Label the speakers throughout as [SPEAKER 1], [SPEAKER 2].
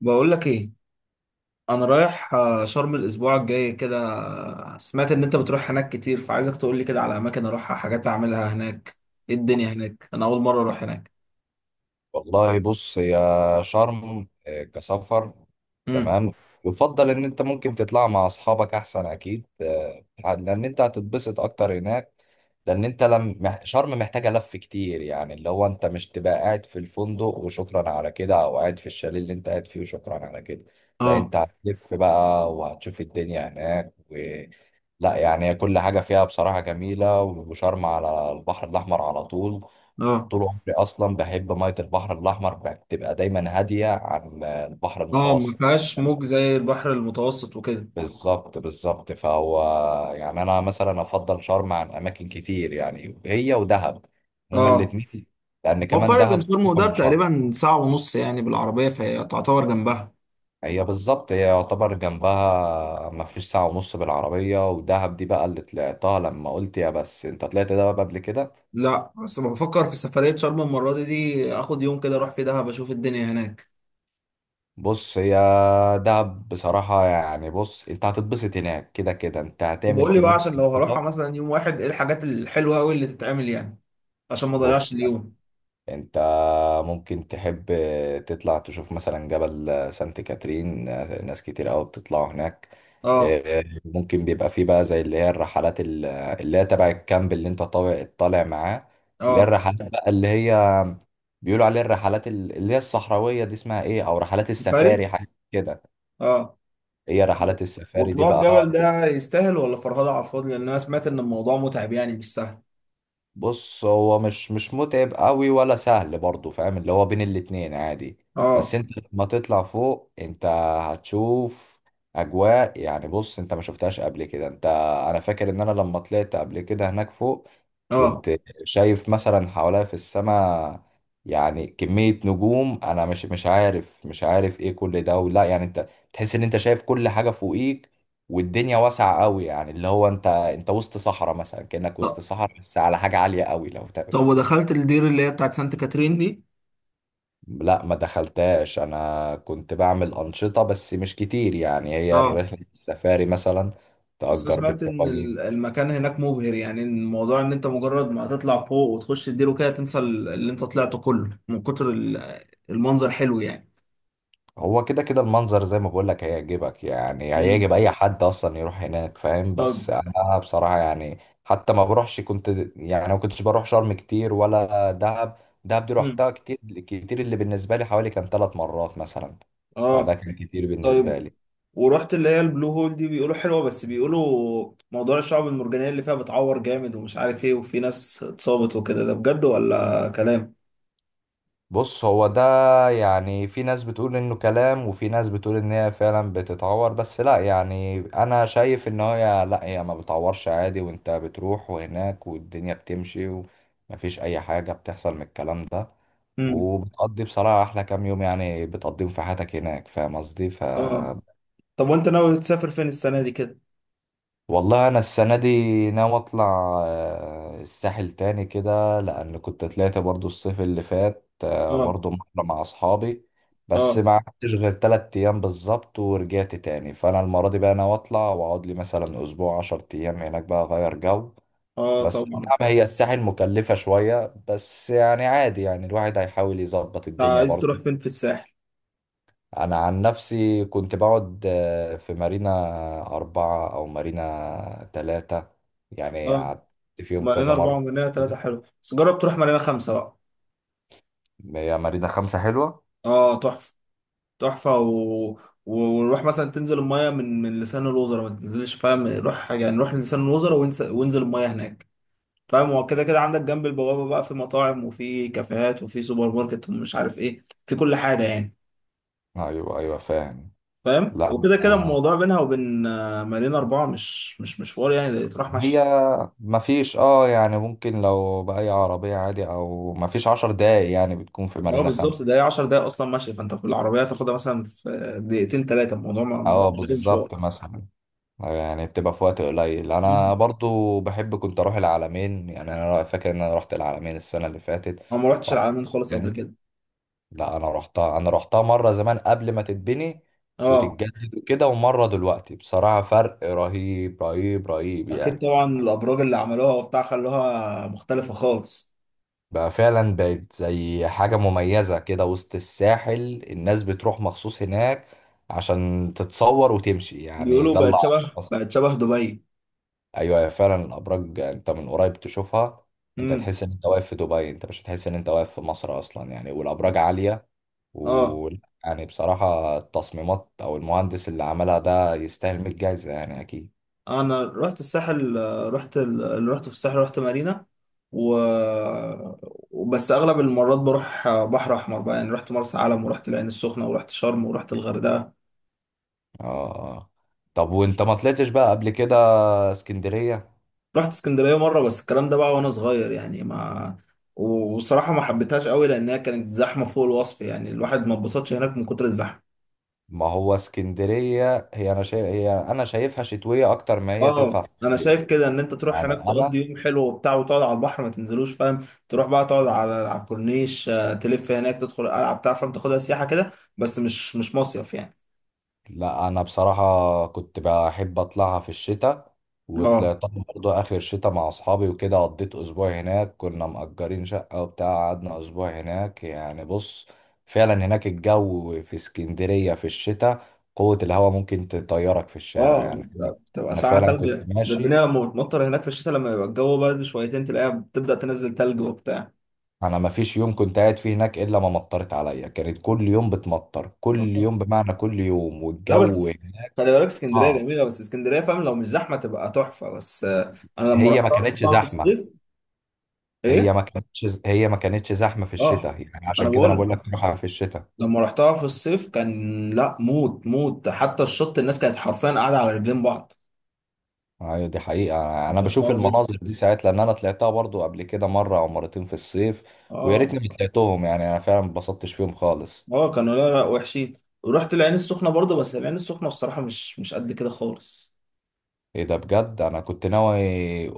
[SPEAKER 1] بقول لك ايه. انا رايح شرم الاسبوع الجاي كده. سمعت ان انت بتروح هناك كتير، فعايزك تقول لي كده على اماكن اروحها، حاجات اعملها هناك. ايه الدنيا هناك؟ انا اول مره اروح هناك.
[SPEAKER 2] والله، بص. هي شرم كسفر.
[SPEAKER 1] امم
[SPEAKER 2] تمام. يفضل ان انت ممكن تطلع مع اصحابك احسن، اكيد لان انت هتتبسط اكتر هناك. لان انت لم مح- شرم محتاجه لف كتير، يعني اللي هو انت مش تبقى قاعد في الفندق وشكرا على كده، او قاعد في الشاليه اللي انت قاعد فيه وشكرا على كده. ده
[SPEAKER 1] اه.
[SPEAKER 2] انت هتلف بقى وهتشوف الدنيا هناك. لا، يعني كل حاجه فيها بصراحه جميله، وشرم على البحر الاحمر على طول.
[SPEAKER 1] اه.
[SPEAKER 2] طول عمري اصلا بحب ميه البحر الاحمر بتبقى دايما هاديه عن البحر
[SPEAKER 1] اه، ما
[SPEAKER 2] المتوسط.
[SPEAKER 1] فيهاش موج زي البحر المتوسط وكده.
[SPEAKER 2] بالظبط بالظبط. فهو يعني انا مثلا افضل شرم عن اماكن كتير، يعني هي ودهب، هما
[SPEAKER 1] اه،
[SPEAKER 2] الاتنين. لان
[SPEAKER 1] هو
[SPEAKER 2] كمان
[SPEAKER 1] الفرق
[SPEAKER 2] دهب
[SPEAKER 1] بين شرم
[SPEAKER 2] قريبة
[SPEAKER 1] ودهب
[SPEAKER 2] من شرم.
[SPEAKER 1] تقريبا ساعه ونص يعني بالعربيه، فهي تعتبر جنبها.
[SPEAKER 2] هي بالظبط، هي يعتبر جنبها، ما فيش ساعه ونص بالعربيه. ودهب دي بقى اللي طلعتها لما قلت، يا بس انت طلعت دهب قبل كده.
[SPEAKER 1] لا، بس بفكر في سفريه شرم المره دي، اخد يوم كده اروح في دهب اشوف الدنيا هناك.
[SPEAKER 2] بص، هي دهب بصراحة، يعني بص، انت هتتبسط هناك كده كده، انت هتعمل
[SPEAKER 1] وبقول لي بقى،
[SPEAKER 2] كمية
[SPEAKER 1] عشان لو هروحها
[SPEAKER 2] أنشطة.
[SPEAKER 1] مثلا يوم واحد، ايه الحاجات الحلوه قوي اللي تتعمل يعني؟ عشان ما
[SPEAKER 2] بص
[SPEAKER 1] اضيعش
[SPEAKER 2] يعني،
[SPEAKER 1] اليوم.
[SPEAKER 2] انت ممكن تحب تطلع تشوف مثلا جبل سانت كاترين. ناس كتير قوي بتطلعوا هناك.
[SPEAKER 1] اه.
[SPEAKER 2] اه، ممكن بيبقى فيه بقى زي اللي هي الرحلات اللي هي تبع الكامب اللي انت طالع معاه. اللي هي
[SPEAKER 1] اه.
[SPEAKER 2] الرحلات بقى، اللي هي بيقولوا عليها الرحلات اللي هي الصحراوية، دي اسمها ايه، او رحلات
[SPEAKER 1] سفاري.
[SPEAKER 2] السفاري حاجة كده.
[SPEAKER 1] اه.
[SPEAKER 2] هي
[SPEAKER 1] طب،
[SPEAKER 2] رحلات السفاري دي
[SPEAKER 1] وطلوع
[SPEAKER 2] بقى.
[SPEAKER 1] الجبل ده يستاهل ولا فرهدة على الفاضي؟ لان انا سمعت ان الموضوع متعب يعني، مش سهل.
[SPEAKER 2] بص هو مش متعب قوي ولا سهل برضه، فاهم؟ اللي هو بين الاتنين عادي. بس
[SPEAKER 1] اه.
[SPEAKER 2] انت لما تطلع فوق انت هتشوف اجواء، يعني بص انت ما شفتهاش قبل كده. انت، انا فاكر ان انا لما طلعت قبل كده هناك فوق
[SPEAKER 1] اه.
[SPEAKER 2] كنت شايف مثلا حواليا في السماء، يعني كمية نجوم، انا مش عارف ايه كل ده، ولا يعني انت تحس ان انت شايف كل حاجة فوقيك، والدنيا واسعة قوي. يعني اللي هو انت وسط صحراء مثلا، كأنك وسط
[SPEAKER 1] طب.
[SPEAKER 2] صحراء بس على حاجة عالية قوي، لو تقبل.
[SPEAKER 1] طب، ودخلت الدير اللي هي بتاعت سانت كاترين دي؟
[SPEAKER 2] لا، ما دخلتهاش. انا كنت بعمل أنشطة بس مش كتير، يعني هي
[SPEAKER 1] اه،
[SPEAKER 2] الرحلة السفاري مثلا
[SPEAKER 1] بس انا
[SPEAKER 2] تأجر
[SPEAKER 1] سمعت ان
[SPEAKER 2] بالتفاجئ.
[SPEAKER 1] المكان هناك مبهر يعني، إن الموضوع ان انت مجرد ما هتطلع فوق وتخش الدير وكده تنسى اللي انت طلعته كله من كتر المنظر حلو يعني.
[SPEAKER 2] هو كده كده المنظر، زي ما بقول لك هيعجبك، يعني هيعجب
[SPEAKER 1] امم
[SPEAKER 2] اي حد اصلا يروح هناك، فاهم؟
[SPEAKER 1] طب.
[SPEAKER 2] بس انا بصراحة، يعني حتى ما بروحش كنت، يعني ما كنتش بروح شرم كتير ولا دهب. دهب دي
[SPEAKER 1] امم
[SPEAKER 2] روحتها كتير كتير، اللي بالنسبة لي حوالي كان 3 مرات مثلا، فده
[SPEAKER 1] اه.
[SPEAKER 2] كان كتير بالنسبة
[SPEAKER 1] طيب،
[SPEAKER 2] لي.
[SPEAKER 1] ورحت اللي هي البلو هول دي؟ بيقولوا حلوة، بس بيقولوا موضوع الشعب المرجانية اللي فيها بتعور جامد ومش عارف ايه وفي ناس اتصابت وكده، ده بجد ولا كلام؟
[SPEAKER 2] بص هو ده، يعني في ناس بتقول انه كلام، وفي ناس بتقول ان هي فعلا بتتعور. بس لا، يعني انا شايف ان هي، لا، هي ما بتعورش عادي، وانت بتروح وهناك والدنيا بتمشي، ومفيش اي حاجة بتحصل من الكلام ده.
[SPEAKER 1] امم
[SPEAKER 2] وبتقضي بصراحة احلى كام يوم، يعني بتقضيهم في حياتك هناك، فاهم قصدي؟
[SPEAKER 1] اه. طب، وانت ناوي تسافر فين السنة دي كده؟
[SPEAKER 2] والله انا السنه دي ناوي اطلع الساحل تاني كده، لان كنت طلعت برضو الصيف اللي فات،
[SPEAKER 1] اه.
[SPEAKER 2] برضو مرة مع اصحابي. بس
[SPEAKER 1] اه.
[SPEAKER 2] ما قعدتش غير 3 ايام بالظبط ورجعت تاني. فانا المره دي بقى ناوي اطلع واقعد لي مثلا اسبوع، 10 ايام هناك بقى، اغير جو.
[SPEAKER 1] اه
[SPEAKER 2] بس
[SPEAKER 1] طبعا.
[SPEAKER 2] نعم، هي الساحل مكلفه شويه، بس يعني عادي، يعني الواحد هيحاول يظبط
[SPEAKER 1] انت
[SPEAKER 2] الدنيا
[SPEAKER 1] عايز
[SPEAKER 2] برضو.
[SPEAKER 1] تروح فين في الساحل؟
[SPEAKER 2] انا عن نفسي كنت بقعد في مارينا 4 او مارينا 3. يعني
[SPEAKER 1] اه.
[SPEAKER 2] قعدت فيهم
[SPEAKER 1] مارينا
[SPEAKER 2] كذا
[SPEAKER 1] أربعة
[SPEAKER 2] مرة.
[SPEAKER 1] ومارينا ثلاثة
[SPEAKER 2] كده،
[SPEAKER 1] حلو، بس جرب تروح مارينا 5 بقى.
[SPEAKER 2] هي مارينا 5 حلوة.
[SPEAKER 1] اه، تحفة. تحفة و... ونروح مثلا تنزل المية من لسان الوزراء، ما تنزلش فاهم، روح يعني روح لسان الوزراء وانزل، وانزل المية هناك. فاهم هو كده كده عندك جنب البوابة بقى، في مطاعم وفي كافيهات وفي سوبر ماركت ومش عارف ايه، في كل حاجة يعني.
[SPEAKER 2] ايوه ايوه، فاهم.
[SPEAKER 1] فاهم
[SPEAKER 2] لا
[SPEAKER 1] وكده كده الموضوع بينها وبين مدينة 4 مش مشوار يعني، ده يتراح مشي.
[SPEAKER 2] هي مفيش يعني، ممكن لو بأي عربية عادي، او مفيش 10 دقايق يعني بتكون في
[SPEAKER 1] هو
[SPEAKER 2] مارينا 5.
[SPEAKER 1] بالظبط ده، هي 10 دقايق أصلا مشي، فأنت في العربية تاخدها مثلا في دقيقتين تلاتة، الموضوع ما
[SPEAKER 2] اه
[SPEAKER 1] فيهوش أي مشوار.
[SPEAKER 2] بالظبط، مثلا يعني بتبقى في وقت قليل. انا
[SPEAKER 1] مم.
[SPEAKER 2] برضو بحب كنت اروح العالمين، يعني انا فاكر ان انا رحت العالمين السنة اللي فاتت.
[SPEAKER 1] أنا ما رحتش
[SPEAKER 2] وعايز،
[SPEAKER 1] العلمين خالص قبل كده.
[SPEAKER 2] لا انا رحتها، مره زمان قبل ما تتبني
[SPEAKER 1] اه.
[SPEAKER 2] وتتجدد وكده، ومره دلوقتي بصراحه فرق رهيب رهيب رهيب
[SPEAKER 1] أكيد
[SPEAKER 2] يعني.
[SPEAKER 1] طبعا، الأبراج اللي عملوها وبتاع خلوها مختلفة خالص.
[SPEAKER 2] بقى فعلا بقت زي حاجه مميزه كده وسط الساحل، الناس بتروح مخصوص هناك عشان تتصور وتمشي يعني،
[SPEAKER 1] بيقولوا
[SPEAKER 2] ده اللي اعرفه.
[SPEAKER 1] بقت شبه دبي.
[SPEAKER 2] ايوه، هي فعلا الابراج انت من قريب تشوفها، انت
[SPEAKER 1] مم.
[SPEAKER 2] تحس ان انت واقف في دبي، انت مش هتحس ان انت واقف في مصر اصلا يعني. والابراج عاليه
[SPEAKER 1] اه.
[SPEAKER 2] و يعني بصراحة التصميمات أو المهندس اللي عملها ده يستاهل 100 جايزة يعني، أكيد.
[SPEAKER 1] انا رحت الساحل، رحت اللي رحت في الساحل رحت مارينا. و وبس اغلب المرات بروح بحر احمر بقى، يعني رحت مرسى علم ورحت العين السخنه ورحت شرم ورحت الغردقه.
[SPEAKER 2] آه طب، وأنت ما طلعتش بقى قبل كده اسكندرية؟
[SPEAKER 1] رحت اسكندريه مره بس، الكلام ده بقى وانا صغير يعني، ما وصراحه ما حبيتهاش قوي لانها كانت زحمه فوق الوصف يعني، الواحد ما اتبسطش هناك من كتر الزحمه.
[SPEAKER 2] ما هو اسكندرية، هي أنا شايفها شتوية أكتر، ما هي
[SPEAKER 1] اه،
[SPEAKER 2] تنفع في
[SPEAKER 1] انا
[SPEAKER 2] الصيف.
[SPEAKER 1] شايف كده ان انت تروح هناك،
[SPEAKER 2] يعني أنا،
[SPEAKER 1] تقضي يوم حلو وبتاع وتقعد على البحر، ما تنزلوش فاهم، تروح بقى تقعد على الكورنيش، تلف هناك، تدخل القلعه بتاع فاهم، تاخدها سياحه كده. بس مش مصيف يعني.
[SPEAKER 2] لا انا بصراحه كنت بحب اطلعها في الشتاء،
[SPEAKER 1] اه.
[SPEAKER 2] وطلعتها برضه اخر الشتاء مع اصحابي وكده. قضيت اسبوع هناك، كنا مأجرين شقه وبتاع، قعدنا اسبوع هناك يعني. بص، فعلا هناك الجو في اسكندريه في الشتاء، قوه الهواء ممكن تطيرك في الشارع
[SPEAKER 1] اه،
[SPEAKER 2] يعني.
[SPEAKER 1] بتبقى
[SPEAKER 2] انا
[SPEAKER 1] ساعه
[SPEAKER 2] فعلا
[SPEAKER 1] تلج.
[SPEAKER 2] كنت
[SPEAKER 1] ده الدنيا
[SPEAKER 2] ماشي،
[SPEAKER 1] لما بتمطر هناك في الشتاء لما يبقى الجو برد شويتين، تلاقيها بتبدا تنزل تلج وبتاع.
[SPEAKER 2] انا ما فيش يوم كنت قاعد فيه هناك الا ما مطرت عليا، كانت كل يوم بتمطر، كل
[SPEAKER 1] آه.
[SPEAKER 2] يوم بمعنى كل يوم،
[SPEAKER 1] لا،
[SPEAKER 2] والجو
[SPEAKER 1] بس
[SPEAKER 2] هناك
[SPEAKER 1] خلي بالك اسكندريه
[SPEAKER 2] صعب.
[SPEAKER 1] جميله، بس اسكندريه فاهم لو مش زحمه تبقى تحفه، بس انا لما
[SPEAKER 2] هي ما
[SPEAKER 1] رحتها
[SPEAKER 2] كانتش
[SPEAKER 1] رحتها في
[SPEAKER 2] زحمه
[SPEAKER 1] الصيف. ايه.
[SPEAKER 2] هي ما كانتش زحمه في
[SPEAKER 1] اه،
[SPEAKER 2] الشتاء، يعني
[SPEAKER 1] انا
[SPEAKER 2] عشان كده انا
[SPEAKER 1] بقول
[SPEAKER 2] بقول لك تروحها في الشتاء.
[SPEAKER 1] لما رحتها في الصيف كان لا، موت موت، حتى الشط الناس كانت حرفيا قاعده على رجلين بعض.
[SPEAKER 2] أيوة دي حقيقه، انا
[SPEAKER 1] كانت
[SPEAKER 2] بشوف
[SPEAKER 1] صعبه جدا.
[SPEAKER 2] المناظر دي ساعات، لان انا طلعتها برضو قبل كده مره او مرتين في الصيف، ويا
[SPEAKER 1] اه.
[SPEAKER 2] ريتني ما طلعتهم يعني. انا فعلا ما اتبسطتش فيهم خالص.
[SPEAKER 1] اه، كانوا لا لا وحشين. ورحت العين السخنه برضه، بس العين السخنه بصراحه مش قد كده خالص.
[SPEAKER 2] ايه ده، بجد انا كنت ناوي،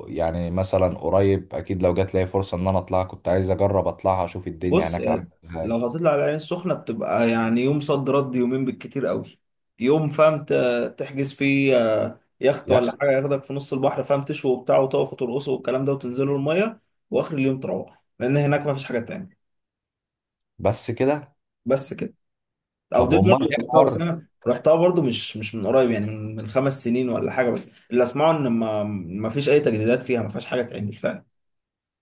[SPEAKER 2] يعني مثلا قريب اكيد لو جات لي فرصه ان انا اطلع، كنت عايز اجرب اطلعها اشوف الدنيا
[SPEAKER 1] بص
[SPEAKER 2] هناك
[SPEAKER 1] يعني،
[SPEAKER 2] عامله
[SPEAKER 1] لو
[SPEAKER 2] ازاي.
[SPEAKER 1] هتطلع على العين السخنه بتبقى يعني يوم صد رد، يومين بالكتير قوي. يوم فاهم تحجز فيه يخت
[SPEAKER 2] يا اخي،
[SPEAKER 1] ولا حاجه ياخدك في نص البحر فاهم، تشوي وبتاع وتقف وترقصوا والكلام ده وتنزلوا الميه. واخر اليوم تروح، لان هناك ما فيش حاجه تانية.
[SPEAKER 2] بس كده؟
[SPEAKER 1] بس كده. او
[SPEAKER 2] طب،
[SPEAKER 1] دول برضه
[SPEAKER 2] امال
[SPEAKER 1] اللي
[SPEAKER 2] ايه
[SPEAKER 1] رحتها، بس
[SPEAKER 2] حوار؟
[SPEAKER 1] انا رحتها برضه مش من قريب يعني، من 5 سنين ولا حاجه، بس اللي اسمعه ان ما فيش اي تجديدات فيها، ما فيهاش حاجه تعمل فعلا.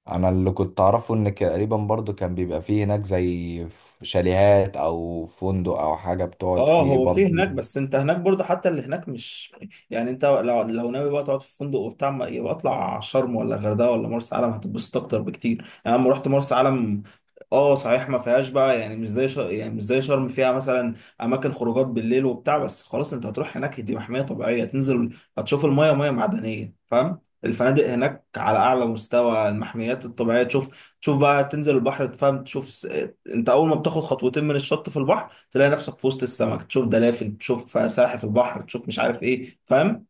[SPEAKER 2] انا اللي كنت اعرفه ان تقريبا برضو كان بيبقى فيه هناك زي شاليهات او فندق او حاجه بتقعد
[SPEAKER 1] اه،
[SPEAKER 2] فيه
[SPEAKER 1] هو في
[SPEAKER 2] برضو.
[SPEAKER 1] هناك، بس انت هناك برضه حتى اللي هناك مش، يعني انت لو ناوي بقى تقعد في فندق وبتاع، يبقى اطلع شرم ولا غردقه ولا مرسى علم، هتتبسط اكتر بكتير. يعني انا لما رحت مرسى علم، اه صحيح ما فيهاش بقى يعني مش زي يعني مش زي شرم، فيها مثلا اماكن خروجات بالليل وبتاع، بس خلاص انت هتروح هناك، دي محميه طبيعيه تنزل. هتشوف الميه ميه معدنيه فاهم، الفنادق هناك على اعلى مستوى، المحميات الطبيعيه تشوف، بقى تنزل البحر تفهم تشوف انت اول ما بتاخد خطوتين من الشط في البحر، تلاقي نفسك في وسط السمك، تشوف دلافين، تشوف سلاحف البحر، تشوف مش عارف ايه فاهم.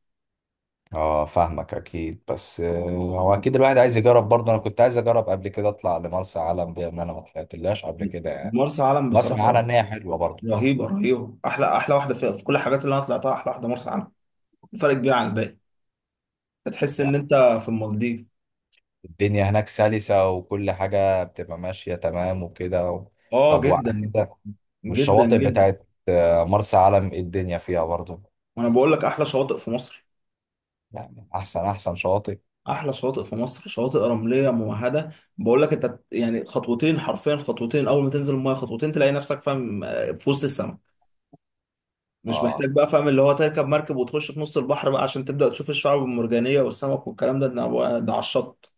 [SPEAKER 2] اه فاهمك اكيد، بس هو اكيد الواحد عايز يجرب برضو، انا كنت عايز اجرب قبل كده اطلع لمرسى علم دي، ان انا ما طلعتلهاش قبل كده يعني،
[SPEAKER 1] مرسى علم
[SPEAKER 2] بسمع عنها
[SPEAKER 1] بصراحة
[SPEAKER 2] ان هي حلوه برضو.
[SPEAKER 1] رهيبة رهيبة، أحلى أحلى واحدة في, في كل الحاجات اللي أنا طلعتها أحلى واحدة مرسى علم. فرق كبير عن الباقي. هتحس إن
[SPEAKER 2] يعني
[SPEAKER 1] أنت في المالديف.
[SPEAKER 2] الدنيا هناك سلسه وكل حاجه بتبقى ماشيه تمام وكده.
[SPEAKER 1] آه
[SPEAKER 2] طب، وعلى
[SPEAKER 1] جدا.
[SPEAKER 2] كده،
[SPEAKER 1] جدا
[SPEAKER 2] والشواطئ
[SPEAKER 1] جدا.
[SPEAKER 2] بتاعت مرسى علم، إيه الدنيا فيها برضو؟
[SPEAKER 1] وأنا بقول لك أحلى شواطئ في مصر.
[SPEAKER 2] يعني احسن شواطئ.
[SPEAKER 1] أحلى شواطئ في مصر، شواطئ رملية ممهدة. بقول لك أنت يعني خطوتين حرفيا، خطوتين أول ما تنزل المية، خطوتين تلاقي نفسك فاهم، في وسط السماء. مش
[SPEAKER 2] اه
[SPEAKER 1] محتاج بقى فاهم اللي هو تركب مركب وتخش في نص البحر بقى عشان تبدأ تشوف الشعاب المرجانية والسمك والكلام ده، على الشط.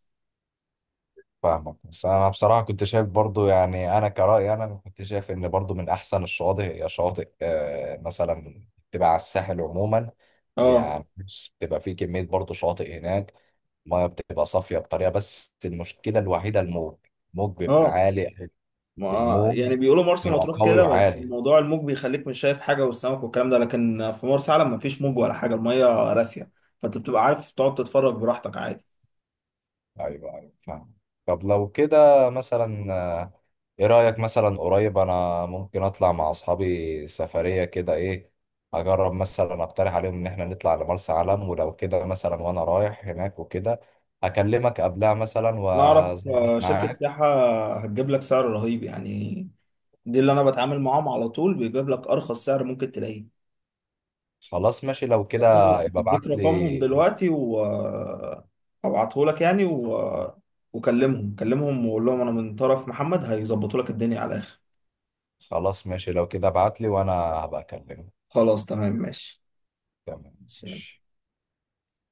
[SPEAKER 2] فاهمك، بس انا بصراحه كنت شايف برضو، يعني انا كرأي، انا كنت شايف ان برضو من احسن الشواطئ هي شواطئ مثلا تبقى على الساحل عموما.
[SPEAKER 1] اه.
[SPEAKER 2] يعني بص، بتبقى في كميه برضو شواطئ هناك، الميه بتبقى صافيه بطريقه، بس المشكله الوحيده الموج. الموج بيبقى
[SPEAKER 1] اه،
[SPEAKER 2] عالي،
[SPEAKER 1] ما
[SPEAKER 2] الموج
[SPEAKER 1] يعني بيقولوا مرسى
[SPEAKER 2] بيبقى
[SPEAKER 1] مطروح
[SPEAKER 2] قوي
[SPEAKER 1] كده، بس
[SPEAKER 2] وعالي.
[SPEAKER 1] موضوع الموج بيخليك مش شايف حاجة والسمك والكلام ده، لكن في مرسى علم مفيش موج ولا حاجة، المية راسية. فانت بتبقى عارف تقعد تتفرج براحتك عادي.
[SPEAKER 2] ايوه ايوه، فاهم. طب لو كده مثلا، ايه رأيك مثلا قريب انا ممكن اطلع مع اصحابي سفرية كده، ايه، اجرب مثلا اقترح عليهم ان احنا نطلع لمرسى علم؟ ولو كده مثلا وانا رايح هناك وكده، اكلمك قبلها مثلا
[SPEAKER 1] انا اعرف
[SPEAKER 2] واظبط
[SPEAKER 1] شركة
[SPEAKER 2] معاك.
[SPEAKER 1] سياحة هتجيب لك سعر رهيب يعني، دي اللي انا بتعامل معاهم على طول، بيجيب لك ارخص سعر ممكن تلاقيه.
[SPEAKER 2] خلاص ماشي لو كده،
[SPEAKER 1] لو كده
[SPEAKER 2] يبقى
[SPEAKER 1] اديك
[SPEAKER 2] ابعت
[SPEAKER 1] رقمهم
[SPEAKER 2] لي.
[SPEAKER 1] دلوقتي و... هبعته لك يعني و... كلمهم وقول لهم انا من طرف محمد، هيظبطوا لك الدنيا على الاخر.
[SPEAKER 2] خلاص ماشي لو كده، ابعت لي وانا هبقى اكلمك.
[SPEAKER 1] خلاص تمام ماشي.
[SPEAKER 2] تمام، ماشي.